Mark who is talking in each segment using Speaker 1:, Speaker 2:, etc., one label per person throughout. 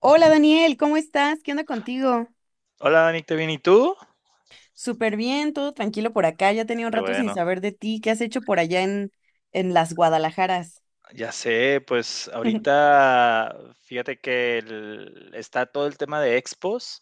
Speaker 1: Hola Daniel, ¿cómo estás? ¿Qué onda contigo?
Speaker 2: Hola Dani, ¿te bien? ¿Y tú?
Speaker 1: Súper bien, todo tranquilo por acá. Ya tenía un
Speaker 2: Qué
Speaker 1: rato sin
Speaker 2: bueno.
Speaker 1: saber de ti. ¿Qué has hecho por allá en las Guadalajaras?
Speaker 2: Ya sé, pues ahorita fíjate que está todo el tema de expos,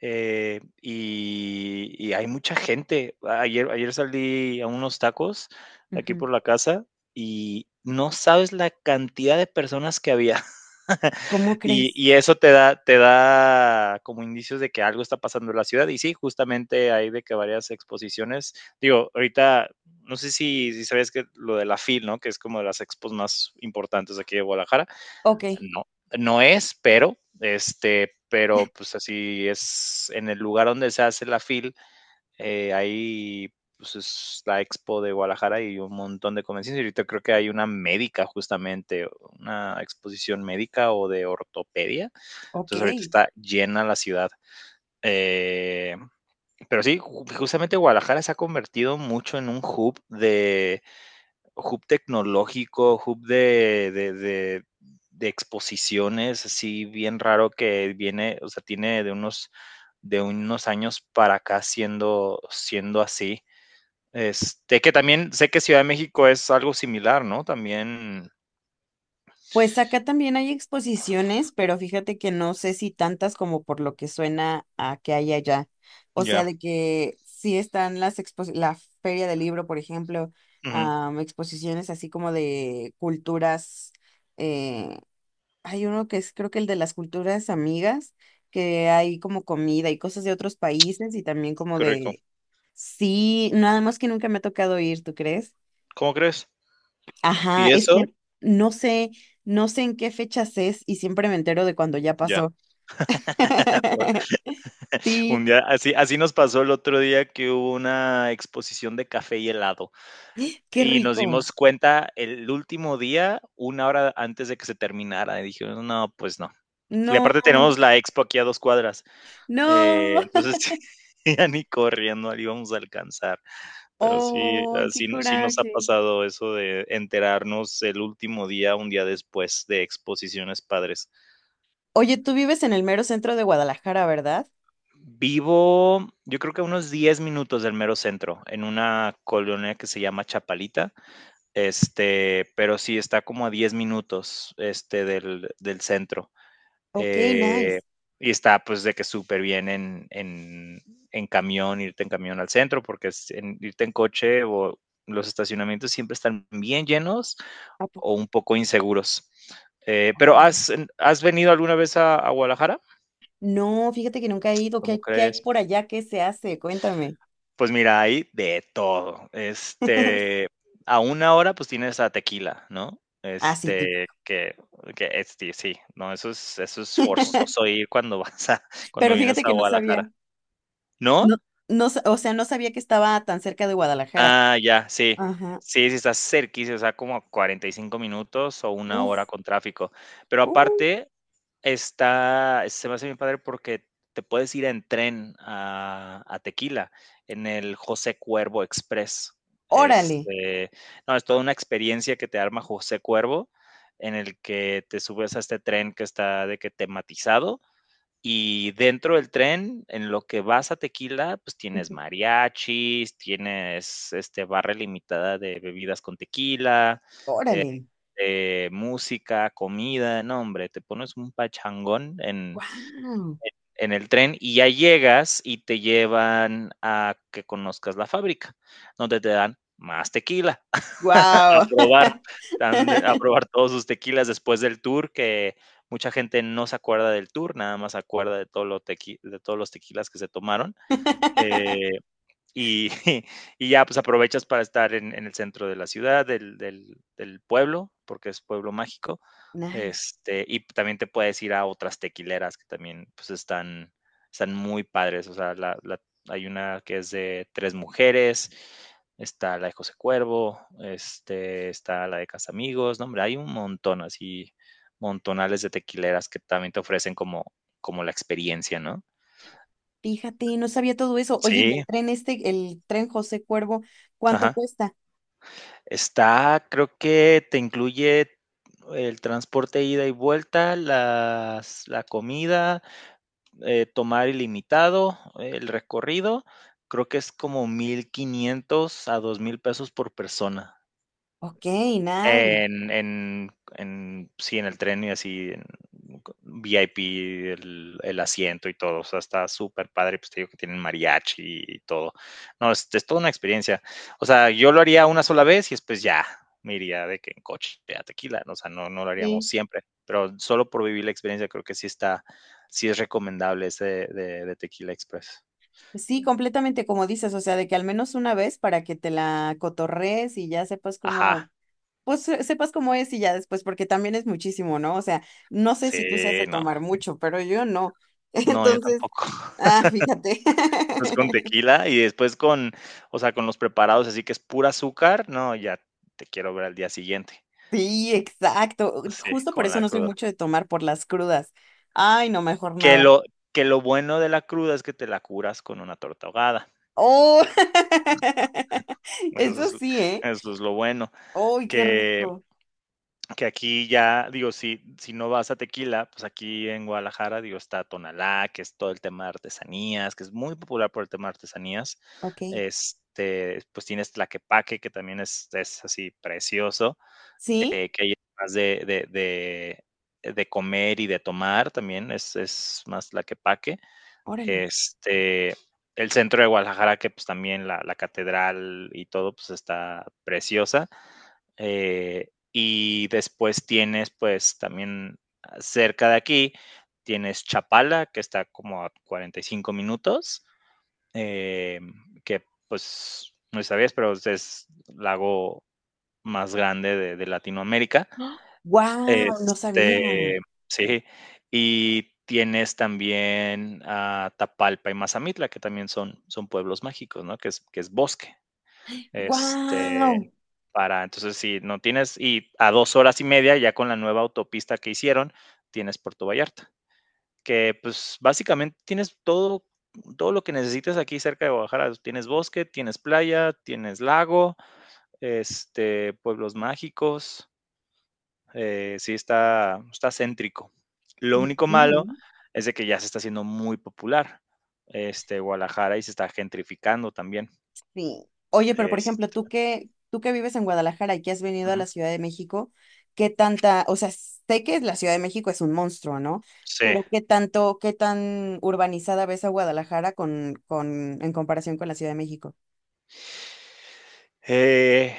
Speaker 2: y hay mucha gente. Ayer salí a unos tacos aquí
Speaker 1: Ujú.
Speaker 2: por la casa y no sabes la cantidad de personas que había.
Speaker 1: ¿Cómo
Speaker 2: Y,
Speaker 1: crees?
Speaker 2: y eso te da como indicios de que algo está pasando en la ciudad. Y sí, justamente hay de que varias exposiciones, digo, ahorita, no sé si sabías que lo de la FIL, ¿no? Que es como de las expos más importantes aquí de Guadalajara.
Speaker 1: Ok,
Speaker 2: No, no es, pero, pues así es en el lugar donde se hace la FIL, ahí pues, es la Expo de Guadalajara y un montón de convenciones. Y ahorita creo que hay una médica justamente, una exposición médica o de ortopedia.
Speaker 1: ok.
Speaker 2: Entonces ahorita está llena la ciudad. Eh, pero sí, justamente Guadalajara se ha convertido mucho en un hub tecnológico, hub de exposiciones, así bien raro que viene, o sea, tiene de unos años para acá siendo así. Que también sé que Ciudad de México es algo similar, ¿no? También,
Speaker 1: Pues acá también hay exposiciones, pero fíjate que no sé si tantas como por lo que suena a que hay allá. O sea,
Speaker 2: ya,
Speaker 1: de que sí están las expos, la Feria del Libro, por ejemplo,
Speaker 2: ujú,
Speaker 1: am, exposiciones así como de culturas. eh, Hay uno que es creo que el de las culturas amigas, que hay como comida y cosas de otros países y también como
Speaker 2: qué rico.
Speaker 1: de... Sí, nada más que nunca me ha tocado ir, ¿tú crees?
Speaker 2: ¿Cómo crees?
Speaker 1: Ajá,
Speaker 2: ¿Y
Speaker 1: es que
Speaker 2: eso?
Speaker 1: no sé, no sé en qué fechas es y siempre me entero de cuando ya
Speaker 2: Ya.
Speaker 1: pasó.
Speaker 2: Por un
Speaker 1: Sí,
Speaker 2: día, así nos pasó el otro día que hubo una exposición de café y helado
Speaker 1: qué
Speaker 2: y nos
Speaker 1: rico.
Speaker 2: dimos cuenta el último día, una hora antes de que se terminara. Y dijimos, no, pues no. Y
Speaker 1: No,
Speaker 2: aparte tenemos la expo aquí a 2 cuadras.
Speaker 1: no.
Speaker 2: Entonces, ya ni corriendo le íbamos a alcanzar. Pero sí,
Speaker 1: Oh, qué
Speaker 2: sí no sí nos ha
Speaker 1: coraje.
Speaker 2: pasado eso de enterarnos el último día, un día después de exposiciones padres.
Speaker 1: Oye, tú vives en el mero centro de Guadalajara, ¿verdad?
Speaker 2: Vivo, yo creo que a unos 10 minutos del mero centro, en una colonia que se llama Chapalita, pero sí está como a 10 minutos, del centro,
Speaker 1: Ok,
Speaker 2: eh,
Speaker 1: nice.
Speaker 2: y está, pues, de que súper bien en en camión, irte en camión al centro, porque es en irte en coche o los estacionamientos siempre están bien llenos
Speaker 1: ¿A
Speaker 2: o
Speaker 1: poco?
Speaker 2: un poco inseguros. Pero
Speaker 1: Oh.
Speaker 2: ¿has venido alguna vez a Guadalajara?
Speaker 1: No, fíjate que nunca he ido.
Speaker 2: ¿Cómo
Speaker 1: Qué
Speaker 2: crees?
Speaker 1: hay por allá? ¿Qué se hace? Cuéntame.
Speaker 2: Pues mira, hay de todo. A una hora pues tienes a Tequila, ¿no?
Speaker 1: Ah, sí, tip.
Speaker 2: Que sí, sí, no, eso es forzoso ir cuando vas a, cuando
Speaker 1: Pero
Speaker 2: vienes
Speaker 1: fíjate
Speaker 2: a
Speaker 1: que no sabía.
Speaker 2: Guadalajara. ¿No?
Speaker 1: No, no, sa- o sea, no sabía que estaba tan cerca de Guadalajara.
Speaker 2: Ah, ya, sí.
Speaker 1: Ajá.
Speaker 2: Sí, sí, estás cerquísima, o sea, como a 45 minutos o una
Speaker 1: Uf,
Speaker 2: hora con tráfico. Pero
Speaker 1: uh,
Speaker 2: aparte, está se me hace bien padre porque te puedes ir en tren a Tequila, en el José Cuervo Express.
Speaker 1: órale.
Speaker 2: Este, no, es toda una experiencia que te arma José Cuervo, en el que te subes a este tren que está de que tematizado y dentro del tren, en lo que vas a Tequila, pues tienes
Speaker 1: Ujú.
Speaker 2: mariachis, tienes barra limitada de bebidas con tequila,
Speaker 1: Órale.
Speaker 2: música, comida, no hombre, te pones un pachangón
Speaker 1: Wow.
Speaker 2: en el tren y ya llegas y te llevan a que conozcas la fábrica, donde te dan más tequila, a
Speaker 1: Wow.
Speaker 2: probar, a probar todos sus tequilas después del tour, que mucha gente no se acuerda del tour, nada más se acuerda de todos los tequilas que se tomaron. Eh, y, y ya, pues aprovechas para estar en el centro de la ciudad, del pueblo, porque es pueblo mágico.
Speaker 1: Nice.
Speaker 2: Y también te puedes ir a otras tequileras que también pues están muy padres. O sea, hay una que es de tres mujeres, está la de José Cuervo, está la de Casamigos, no, hombre, hay un montón así, montonales de tequileras que también te ofrecen como la experiencia, ¿no?
Speaker 1: Fíjate, no sabía todo eso. Oye, ¿y
Speaker 2: Sí,
Speaker 1: el tren este, el tren José Cuervo, cuánto
Speaker 2: ajá.
Speaker 1: cuesta?
Speaker 2: Está, creo que te incluye el transporte ida y vuelta, la comida, tomar ilimitado, el recorrido. Creo que es como 1,500 a 2,000 pesos por persona.
Speaker 1: Ok, nice.
Speaker 2: En, en, sí, en el tren y así, en VIP, el asiento y todo. O sea, está súper padre. Pues te digo que tienen mariachi y todo. No, es toda una experiencia. O sea, yo lo haría una sola vez y después ya me iría de que en coche a tequila. ¿No? O sea, no, no lo haríamos siempre. Pero solo por vivir la experiencia, creo que sí es recomendable ese de Tequila Express.
Speaker 1: Sí, completamente como dices, o sea, de que al menos una vez para que te la cotorrees y ya sepas cómo,
Speaker 2: Ajá.
Speaker 1: pues se- sepas cómo es y ya después, porque también es muchísimo, ¿no? O sea, no sé
Speaker 2: Sí,
Speaker 1: si tú sabes de
Speaker 2: no.
Speaker 1: tomar mucho, pero yo no.
Speaker 2: No, yo
Speaker 1: Entonces,
Speaker 2: tampoco.
Speaker 1: ah, fíjate.
Speaker 2: Después con tequila y después con, o sea, con los preparados, así que es pura azúcar, no, ya te quiero ver al día siguiente.
Speaker 1: Sí, exacto.
Speaker 2: Sí,
Speaker 1: Justo por
Speaker 2: con
Speaker 1: eso
Speaker 2: la
Speaker 1: no soy
Speaker 2: cruda.
Speaker 1: mucho de tomar por las crudas. Ay, no, mejor
Speaker 2: Que
Speaker 1: nada.
Speaker 2: lo que lo bueno de la cruda es que te la curas con una torta ahogada.
Speaker 1: Oh,
Speaker 2: Eso
Speaker 1: eso
Speaker 2: es
Speaker 1: sí, ¿eh?
Speaker 2: eso es lo bueno,
Speaker 1: ¡Ay, qué
Speaker 2: que
Speaker 1: rico!
Speaker 2: que aquí ya, digo, si no vas a tequila, pues aquí en Guadalajara, digo, está Tonalá, que es todo el tema de artesanías, que es muy popular por el tema de artesanías.
Speaker 1: Ok.
Speaker 2: Pues tienes Tlaquepaque, que también es así precioso.
Speaker 1: ¿Sí?
Speaker 2: Que hay más de comer y de tomar también, es más la que paque.
Speaker 1: Órale.
Speaker 2: Este, el centro de Guadalajara, que, pues, también la catedral y todo, pues, está preciosa. Y después tienes, pues, también cerca de aquí, tienes Chapala, que está como a 45 minutos, em, que, pues, no si sabías, pero es el lago más grande de Latinoamérica.
Speaker 1: ¡Wow! No sabía.
Speaker 2: Este, sí, y tienes también a Tapalpa y Mazamitla, que también son pueblos mágicos, ¿no? Que es bosque, este,
Speaker 1: Wow.
Speaker 2: para entonces, si no tienes y a 2 horas y media, ya con la nueva autopista que hicieron, tienes Puerto Vallarta, que, pues, básicamente tienes todo lo que necesites aquí cerca de Guadalajara, tienes bosque, tienes playa, tienes lago, pueblos mágicos. Sí está céntrico. Lo
Speaker 1: Ujú.
Speaker 2: único malo
Speaker 1: Sí.
Speaker 2: es de que ya se está haciendo muy popular, Guadalajara y se está gentrificando también.
Speaker 1: Sí. Oye, pero por ejemplo,
Speaker 2: este
Speaker 1: tú que vives en Guadalajara y que has venido a
Speaker 2: Ujú.
Speaker 1: la Ciudad de México, ¿qué tanta, o sea, sé que la Ciudad de México es un monstruo, ¿no?
Speaker 2: Sí.
Speaker 1: Pero ¿qué tanto, qué tan urbanizada ves a Guadalajara con, en comparación con la Ciudad de México?
Speaker 2: Eh,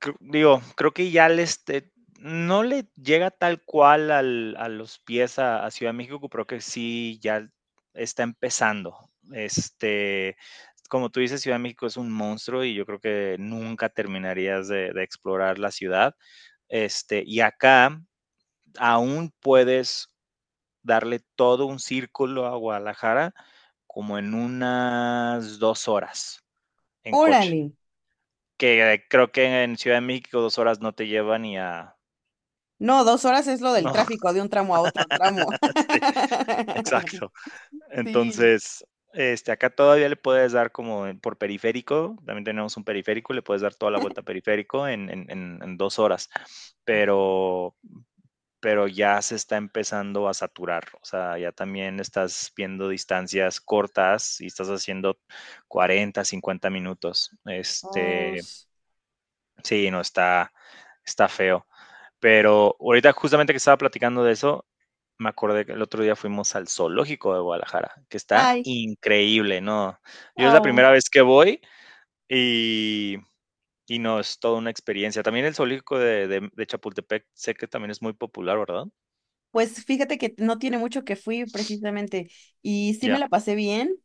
Speaker 2: cr Digo, creo que ya no le llega tal cual al a los pies a Ciudad de México, pero creo que sí ya está empezando. Como tú dices, Ciudad de México es un monstruo y yo creo que nunca terminarías de explorar la ciudad. Y acá aún puedes darle todo un círculo a Guadalajara como en unas 2 horas en coche,
Speaker 1: Órale.
Speaker 2: que creo que en Ciudad de México 2 horas no te lleva ni a...
Speaker 1: No, dos horas es lo del
Speaker 2: No,
Speaker 1: tráfico de un tramo a otro tramo.
Speaker 2: sí, exacto.
Speaker 1: Sí.
Speaker 2: Entonces, acá todavía le puedes dar como por periférico, también tenemos un periférico, le puedes dar toda la vuelta a periférico en dos horas,
Speaker 1: Ok.
Speaker 2: pero, pero ya se está empezando a saturar, o sea, ya también estás viendo distancias cortas y estás haciendo 40 50 minutos.
Speaker 1: Oh, sh-
Speaker 2: Sí, no está feo. Pero ahorita justamente que estaba platicando de eso, me acordé que el otro día fuimos al zoológico de Guadalajara, que está
Speaker 1: ay,
Speaker 2: increíble, ¿no? Yo es la
Speaker 1: oh.
Speaker 2: primera vez que voy y y no, es toda una experiencia. También el zoológico de Chapultepec, sé que también es muy popular, ¿verdad?
Speaker 1: Pues fíjate que no tiene mucho que fui precisamente y sí me
Speaker 2: Ya,
Speaker 1: la pasé bien,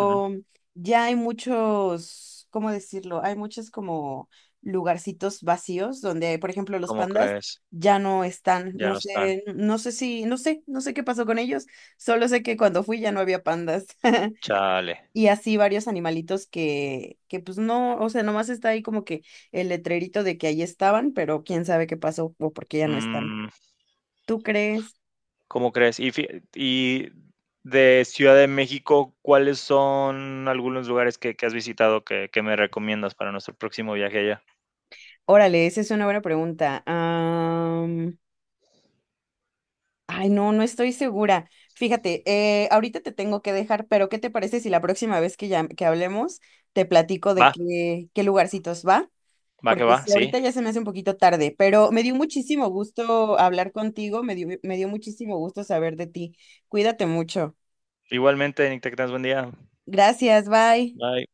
Speaker 2: ujú.
Speaker 1: ya hay muchos, ¿cómo decirlo? Hay muchos como lugarcitos vacíos donde, por ejemplo, los
Speaker 2: ¿Cómo
Speaker 1: pandas
Speaker 2: crees?
Speaker 1: ya no están.
Speaker 2: Ya
Speaker 1: No
Speaker 2: no están.
Speaker 1: sé, no sé si, no sé, no sé qué pasó con ellos. Solo sé que cuando fui ya no había pandas.
Speaker 2: Chale.
Speaker 1: Y así varios animalitos que pues no, o sea, nomás está ahí como que el letrerito de que ahí estaban, pero quién sabe qué pasó o por qué ya no están.
Speaker 2: Mm,
Speaker 1: ¿Tú crees?
Speaker 2: ¿Cómo crees? Y fie y de Ciudad de México, ¿cuáles son algunos lugares que has visitado que me recomiendas para nuestro próximo viaje allá?
Speaker 1: Órale, esa es una buena pregunta. Am, ay, no, no estoy segura. Fíjate, ahorita te tengo que dejar, pero ¿qué te parece si la próxima vez que, ya, que hablemos te platico de
Speaker 2: Va,
Speaker 1: qué, qué lugarcitos va?
Speaker 2: va que
Speaker 1: Porque
Speaker 2: va,
Speaker 1: sí,
Speaker 2: sí.
Speaker 1: ahorita ya se me hace un poquito tarde, pero me dio muchísimo gusto hablar contigo, me dio muchísimo gusto saber de ti. Cuídate mucho.
Speaker 2: Igualmente, Nick, te buen día.
Speaker 1: Gracias, bye.
Speaker 2: Bye.